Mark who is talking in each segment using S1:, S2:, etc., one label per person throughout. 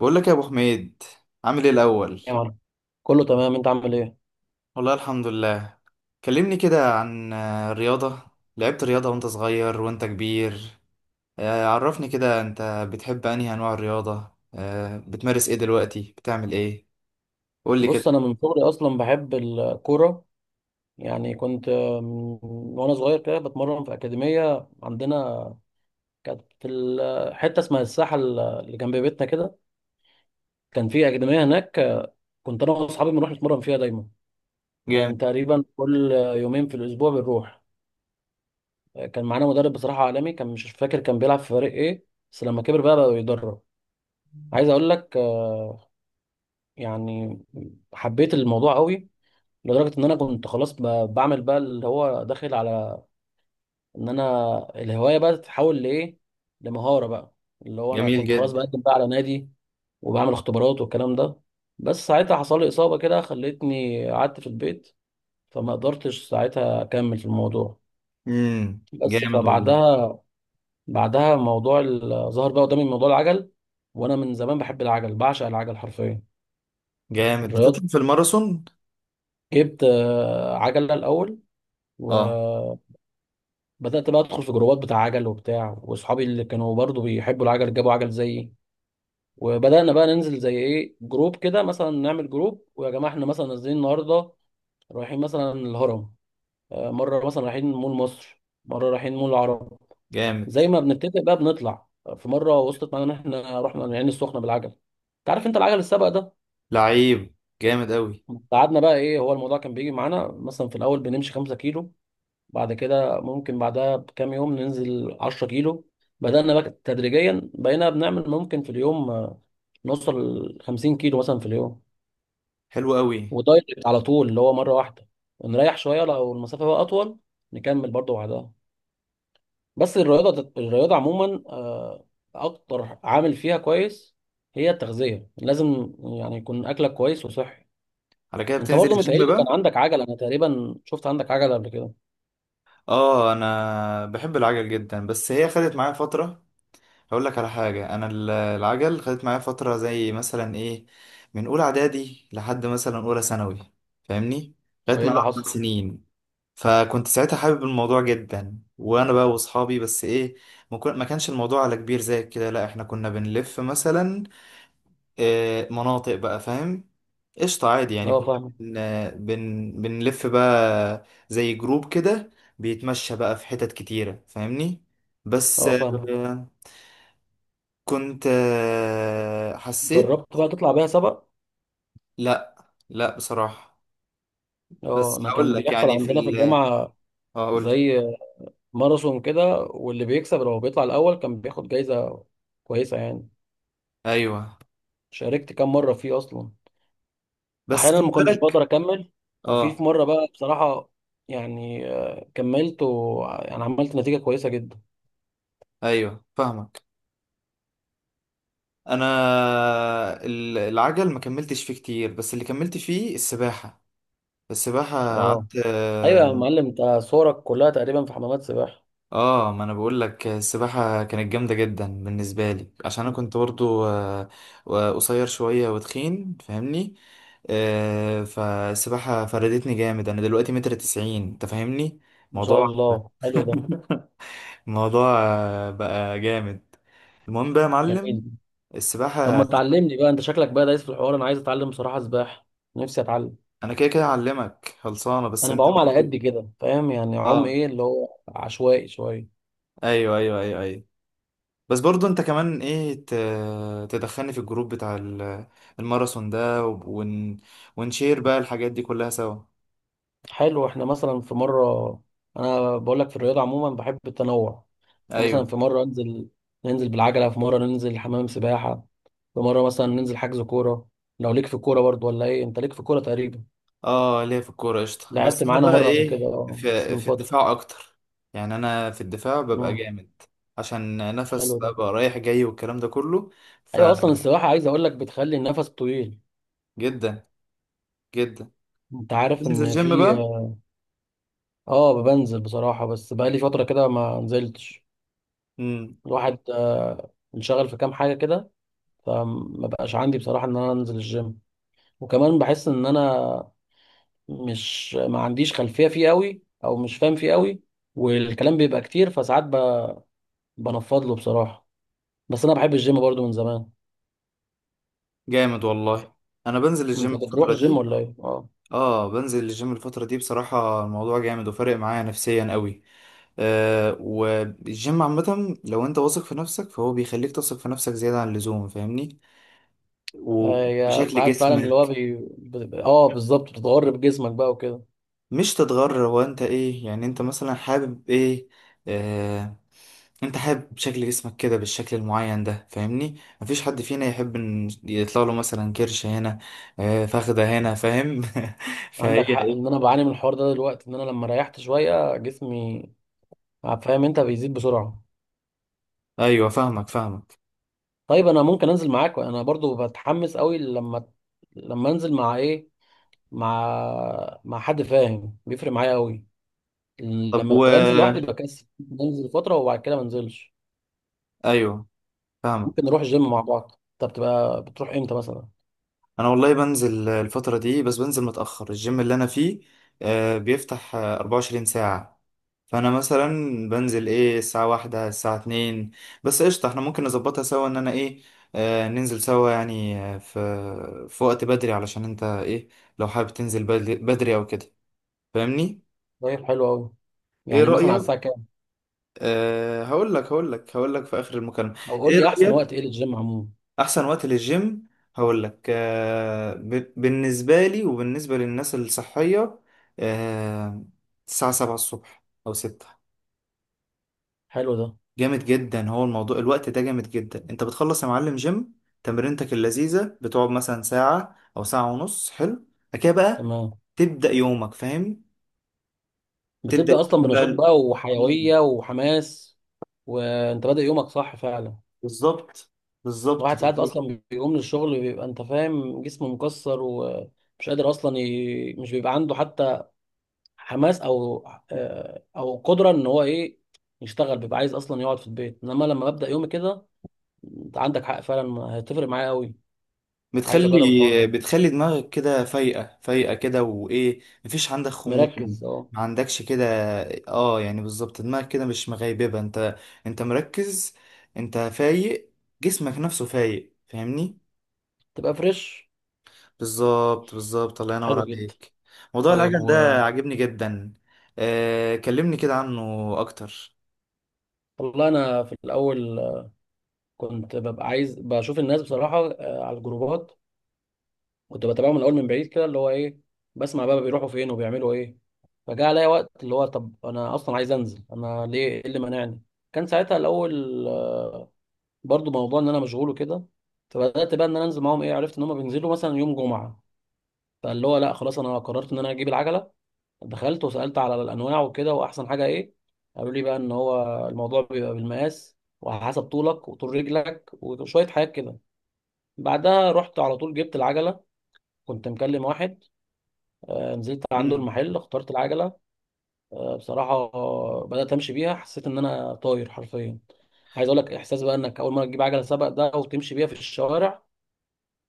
S1: بقول لك يا ابو حميد، عامل ايه الاول؟
S2: يا معلم، كله تمام، انت عامل ايه؟
S1: والله الحمد لله. كلمني كده عن الرياضه. لعبت رياضه وانت صغير وانت كبير؟ عرفني كده انت بتحب انهي انواع الرياضه، بتمارس ايه دلوقتي، بتعمل ايه؟ قول لي
S2: بص،
S1: كده.
S2: انا من صغري اصلا بحب الكوره. يعني كنت، من- وانا صغير كده بتمرن في اكاديميه عندنا. كانت في حته اسمها الساحه اللي جنب بيتنا كده. كان في اكاديميه هناك، كنت انا واصحابي بنروح نتمرن فيها دايما. كان
S1: جامد.
S2: تقريبا كل يومين في الاسبوع بنروح. كان معانا مدرب بصراحه عالمي، كان مش فاكر كان بيلعب في فريق ايه، بس لما كبر بقى يدرب. عايز اقول لك، يعني حبيت الموضوع قوي، لدرجة إن أنا كنت خلاص بعمل بقى اللي هو داخل على إن أنا الهواية بقى تتحول لإيه؟ لمهارة بقى، اللي هو أنا
S1: جميل
S2: كنت خلاص
S1: جدا.
S2: بقدم بقى على نادي وبعمل اختبارات والكلام ده. بس ساعتها حصل لي إصابة كده خلتني قعدت في البيت، فما قدرتش ساعتها أكمل في الموضوع. بس
S1: جامد والله.
S2: فبعدها موضوع ظهر بقى قدامي موضوع العجل، وأنا من زمان بحب العجل، بعشق العجل حرفيا.
S1: جامد.
S2: الرياض،
S1: بتطلع في الماراثون؟
S2: جبت عجلة الأول.
S1: اه.
S2: بدأت بقى أدخل في جروبات بتاع عجل وبتاع، وأصحابي اللي كانوا برضو بيحبوا العجل جابوا عجل زيي. وبدأنا بقى ننزل زي إيه جروب كده، مثلا نعمل جروب ويا جماعة إحنا مثلا نازلين النهاردة، رايحين مثلا الهرم. مرة مثلا رايحين مول مصر، مرة رايحين مول العرب.
S1: جامد.
S2: زي ما بنتفق بقى بنطلع. في مرة وصلت معانا إن إحنا رحنا العين السخنة بالعجل. أنت عارف أنت العجل السبق ده،
S1: لعيب. جامد قوي.
S2: قعدنا بقى إيه هو الموضوع. كان بيجي معانا مثلا في الأول بنمشي 5 كيلو، بعد كده ممكن بعدها بكام يوم ننزل 10 كيلو. بدأنا بقى تدريجيا بقينا بنعمل ممكن في اليوم نوصل ل 50 كيلو مثلا في اليوم،
S1: حلو قوي.
S2: ودايركت على طول اللي هو مرة واحدة، ونريح شوية لو المسافة بقى أطول نكمل برضه بعدها. بس الرياضة عموما أكتر عامل فيها كويس هي التغذية. لازم يعني يكون أكلك كويس وصحي.
S1: على كده
S2: أنت
S1: بتنزل
S2: برضه
S1: الجيم
S2: متهيألي كان
S1: بقى؟
S2: عندك عجلة، أنا تقريبا شفت عندك عجلة قبل كده،
S1: اه انا بحب العجل جدا، بس هي خدت معايا فتره. هقول لك على حاجة. أنا العجل خدت معايا فترة، زي مثلا إيه، من أولى إعدادي لحد مثلا أولى ثانوي. فاهمني؟ خدت
S2: وإيه
S1: معايا
S2: اللي
S1: أربع
S2: حصل؟
S1: سنين. فكنت ساعتها حابب الموضوع جدا، وأنا بقى وأصحابي. بس إيه، ما كانش الموضوع على كبير زي كده، لأ، إحنا كنا بنلف مثلا مناطق بقى. فاهم؟ قشطة عادي. يعني
S2: أه
S1: كنا
S2: فاهم،
S1: بنلف بقى زي جروب كده، بيتمشى بقى في حتت كتيرة. فاهمني؟ بس
S2: أه فاهم.
S1: كنت حسيت.
S2: جربت بقى تطلع بيها سبق.
S1: لا. لا بصراحة.
S2: اه،
S1: بس
S2: انا
S1: هقول
S2: كان
S1: لك،
S2: بيحصل
S1: يعني في
S2: عندنا في
S1: ال...
S2: الجامعه زي
S1: هقول.
S2: ماراثون كده، واللي بيكسب لو بيطلع الاول كان بياخد جايزه كويسه يعني.
S1: ايوه.
S2: شاركت كام مره فيه اصلا،
S1: بس
S2: احيانا
S1: خد
S2: ما كنتش بقدر
S1: بالك.
S2: اكمل، وفي
S1: اه.
S2: مره بقى بصراحه، يعني كملت، ويعني عملت نتيجه كويسه جدا.
S1: ايوه فاهمك. انا العجل ما كملتش فيه كتير، بس اللي كملت فيه السباحة. السباحة
S2: اه،
S1: قعدت
S2: ايوه يا معلم، انت صورك كلها تقريبا في حمامات سباحه.
S1: اه. ما انا بقول لك السباحه كانت جامده جدا بالنسبه لي، عشان انا كنت برضو قصير شويه وتخين. فاهمني؟ فالسباحه فردتني جامد. انا دلوقتي متر تسعين انت. فاهمني؟
S2: ما شاء
S1: موضوع
S2: الله، حلو ده.
S1: الموضوع بقى جامد. المهم بقى يا
S2: جميل.
S1: معلم،
S2: طب ما
S1: السباحه.
S2: تعلمني بقى، انت شكلك بقى دايس في الحوار، انا عايز اتعلم بصراحه سباحه، نفسي اتعلم.
S1: انا كده كده اعلمك، خلصانه، بس
S2: انا
S1: انت
S2: بعوم على قد كده، فاهم يعني، عوم
S1: اه.
S2: ايه اللي هو عشوائي شويه.
S1: ايوه ايوه ايوه ايوه. بس برضو انت كمان ايه، تدخلني في الجروب بتاع الماراثون ده ونشير بقى الحاجات دي كلها سوا.
S2: حلو، احنا مثلا في مره، انا بقول لك في الرياضه عموما بحب التنوع. أنا مثلا
S1: ايوه.
S2: في مره انزل، ننزل بالعجله، في مره ننزل حمام سباحه، في مره مثلا ننزل حجز كوره. لو ليك في الكوره برضو ولا ايه؟ انت ليك في الكوره تقريبا،
S1: اه ليا في الكورة قشطة،
S2: لعبت
S1: بس انا
S2: معانا
S1: بقى
S2: مره قبل كده
S1: ايه،
S2: بس
S1: في,
S2: من
S1: في
S2: فتره.
S1: الدفاع اكتر. يعني انا في الدفاع ببقى
S2: مم.
S1: جامد، عشان نفس
S2: حلو ده.
S1: بقى رايح جاي والكلام ده كله.
S2: ايوه اصلا السباحه، عايز اقول لك، بتخلي النفس طويل.
S1: فجدا جدا.
S2: انت عارف
S1: بنزل
S2: ان
S1: جيم
S2: في،
S1: بقى.
S2: اه بنزل بصراحه، بس بقالي فتره كده ما نزلتش.
S1: امم
S2: الواحد انشغل في كام حاجة كده، فما بقاش عندي بصراحة ان انا انزل الجيم. وكمان بحس ان انا مش، ما عنديش خلفية فيه قوي او مش فاهم فيه قوي، والكلام بيبقى كتير، فساعات بنفض له بصراحة. بس انا بحب الجيم برضو من زمان.
S1: جامد والله. انا بنزل
S2: انت
S1: الجيم
S2: بتروح
S1: الفترة
S2: الجيم
S1: دي.
S2: ولا ايه؟ اه.
S1: اه بنزل الجيم الفترة دي، بصراحة الموضوع جامد وفارق معايا نفسيا قوي. والجيم عامة، لو انت واثق في نفسك فهو بيخليك تثق في نفسك زيادة عن اللزوم. فاهمني؟
S2: هي
S1: وبشكل
S2: ساعات فعلا اللي هو
S1: جسمك.
S2: بي... بت- اه بالظبط بتتغر بجسمك بقى وكده.
S1: مش تتغر؟ هو انت ايه يعني، انت مثلا حابب ايه؟ آه. انت حابب شكل جسمك كده بالشكل المعين ده. فاهمني؟ مفيش حد فينا يحب ان يطلع له مثلا كرش هنا، آه فخدة هنا. فاهم؟ فهي
S2: عندك حق، ان انا
S1: ايه.
S2: بعاني من الحوار ده دلوقتي، ان انا لما ريحت شوية جسمي، فاهم، انت بيزيد بسرعة.
S1: ايوه فاهمك فاهمك.
S2: طيب انا ممكن انزل معاك، انا برضو بتحمس قوي لما انزل مع ايه؟ مع حد فاهم بيفرق معايا قوي.
S1: طب
S2: لما
S1: و...
S2: بنزل لوحدي بكسل، بنزل فتره وبعد كده ما انزلش.
S1: ايوه فاهمك.
S2: ممكن نروح جيم مع بعض. انت بتروح امتى مثلا؟
S1: انا والله بنزل الفترة دي، بس بنزل متأخر. الجيم اللي انا فيه بيفتح 24 ساعة. فانا مثلا بنزل ايه، الساعة واحدة الساعة اتنين. بس قشطة، احنا ممكن نظبطها سوا، ان انا ايه، ننزل سوا. يعني في وقت بدري، علشان انت ايه، لو حابب تنزل بدري بدري او كده. فاهمني؟
S2: طيب حلو قوي،
S1: ايه
S2: يعني مثلا على الساعه
S1: رأيك؟
S2: كام؟
S1: أه هقول لك هقول لك هقول لك في اخر المكالمة.
S2: او قول
S1: ايه
S2: لي احسن وقت
S1: رأيك؟
S2: ايه للجيم عموما.
S1: احسن وقت للجيم. هقول لك بالنسبه لي وبالنسبه للناس الصحيه، آه، الساعه 7 الصبح او 6.
S2: حلو ده.
S1: جامد جدا، هو الموضوع الوقت ده جامد جدا. انت بتخلص يا معلم جيم، تمرينتك اللذيذه، بتقعد مثلا ساعه او ساعه ونص. حلو. بعد كده بقى
S2: تمام.
S1: تبدا يومك. فاهم؟ تبدا
S2: بتبدا
S1: يومك
S2: اصلا
S1: بقى
S2: بنشاط بقى
S1: مم.
S2: وحيويه وحماس، وانت بادئ يومك، صح فعلا.
S1: بالظبط بالظبط.
S2: الواحد ساعات اصلا بيقوم من الشغل، بيبقى انت فاهم جسمه مكسر ومش قادر اصلا مش بيبقى عنده حتى حماس او قدره ان هو ايه يشتغل، بيبقى عايز اصلا يقعد في البيت، انما لما ببدا يومي كده، انت عندك حق فعلا، هتفرق معايا قوي. عايز اجرب الحوار
S1: بتخلي
S2: ده،
S1: بتخلي دماغك كده فايقة فايقة كده، وإيه مفيش عندك خمول.
S2: مركز. اه،
S1: ما عندكش كده. اه يعني بالظبط، دماغك كده مش مغيببة، انت مركز، انت فايق، جسمك نفسه فايق. فاهمني؟
S2: تبقى فريش.
S1: بالظبط بالظبط. الله ينور
S2: حلو جدا.
S1: عليك. موضوع
S2: طيب
S1: العجل
S2: و،
S1: ده عاجبني جدا. آه كلمني كده عنه اكتر.
S2: والله انا في الاول كنت ببقى عايز بشوف الناس بصراحه على الجروبات، كنت بتابعه من الاول من بعيد كده، اللي هو ايه، بسمع بقى بيروحوا فين وبيعملوا ايه. فجاء عليا وقت اللي هو طب انا اصلا عايز انزل، انا ليه ايه اللي مانعني؟ كان ساعتها الاول برضو موضوع ان انا مشغول وكده. فبدات بقى ان انا انزل معاهم، ايه، عرفت ان هم بينزلوا مثلا يوم جمعه، فاللي هو لا خلاص، انا قررت ان انا اجيب العجله. دخلت وسالت على الانواع وكده، واحسن حاجه ايه، قالوا لي بقى ان هو الموضوع بيبقى بالمقاس وعلى حسب طولك وطول رجلك وشويه حاجات كده. بعدها رحت على طول، جبت العجله، كنت مكلم واحد، نزلت عنده
S1: مم.
S2: المحل، اخترت العجله. بصراحه، بدات امشي بيها، حسيت ان انا طاير حرفيا. عايز اقول لك احساس بقى، انك اول مره تجيب عجله سباق ده وتمشي بيها في الشوارع،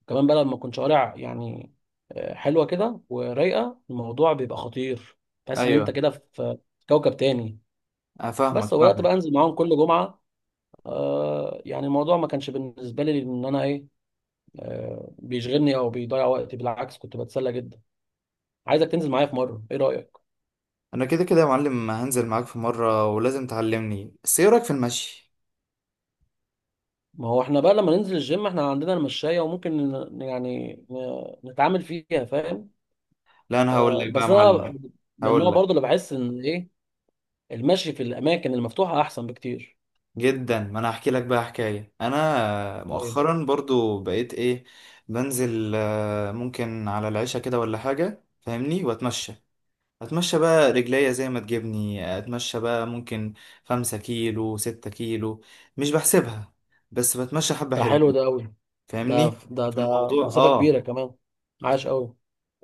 S2: كمان بقى لما تكون شوارع يعني حلوه كده ورايقه، الموضوع بيبقى خطير، تحس ان انت
S1: ايوه
S2: كده في كوكب تاني. بس
S1: افهمك
S2: وبدات
S1: فاهمك.
S2: بقى انزل معاهم كل جمعه. يعني الموضوع ما كانش بالنسبه لي ان انا ايه، بيشغلني او بيضيع وقتي، بالعكس كنت بتسلى جدا. عايزك تنزل معايا في مره، ايه رايك؟
S1: انا كده كده يا معلم هنزل معاك في مرة، ولازم تعلمني. بس ايه رأيك في المشي؟
S2: ما هو احنا بقى لما ننزل الجيم احنا عندنا المشاية، وممكن يعني نتعامل فيها، فاهم.
S1: لا انا هقول لك بقى يا
S2: بس انا
S1: معلم.
S2: من النوع
S1: هقول لك،
S2: برضو اللي بحس ان ايه، المشي في الاماكن المفتوحة احسن بكتير.
S1: جدا، ما انا هحكي لك بقى حكايه. انا
S2: طيب.
S1: مؤخرا برضو بقيت ايه، بنزل ممكن على العشاء كده ولا حاجه. فاهمني؟ واتمشى. اتمشى بقى رجليا زي ما تجيبني، اتمشى بقى ممكن 5 كيلو 6 كيلو، مش بحسبها، بس بتمشى حبه
S2: ده
S1: حلوه.
S2: حلو ده قوي، ده
S1: فاهمني؟
S2: ده
S1: في
S2: ده
S1: الموضوع
S2: مسافة كبيرة
S1: اه
S2: كمان. عاش قوي.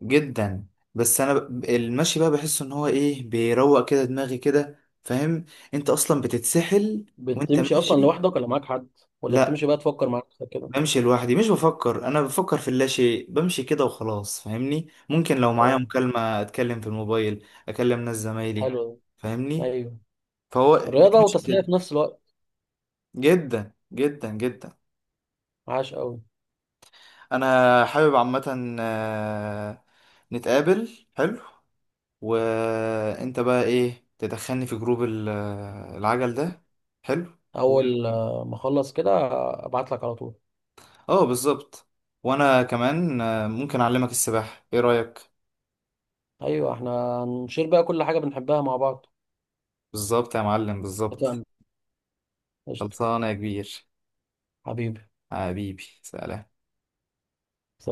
S1: جدا. بس انا المشي بقى بحس ان هو ايه بيروق كده دماغي كده. فاهم؟ انت اصلا بتتسحل وانت
S2: بتمشي اصلا
S1: ماشي.
S2: لوحدك ولا معاك حد؟ ولا
S1: لا
S2: بتمشي بقى تفكر مع نفسك كده؟
S1: بمشي لوحدي، مش بفكر، انا بفكر في اللاشيء، بمشي كده وخلاص. فاهمني؟ ممكن لو معايا
S2: اه،
S1: مكالمة اتكلم في الموبايل، اكلم ناس زمايلي.
S2: حلو ده.
S1: فاهمني؟
S2: ايوه،
S1: فهو
S2: رياضة
S1: بتمشي
S2: وتسلية في
S1: كده.
S2: نفس الوقت.
S1: جدا جدا جدا.
S2: عاش قوي.
S1: انا حابب عامة نتقابل. حلو. وانت بقى ايه تدخلني في جروب العجل ده. حلو. و...
S2: اول ما اخلص كده ابعت لك على طول.
S1: اه بالظبط. وانا كمان ممكن اعلمك السباحة، ايه رأيك؟
S2: ايوه احنا هنشير بقى كل حاجه بنحبها مع بعض.
S1: بالظبط يا معلم بالظبط.
S2: اتفقنا. قشطه.
S1: خلصانة يا كبير.
S2: حبيبي.
S1: حبيبي. سلام.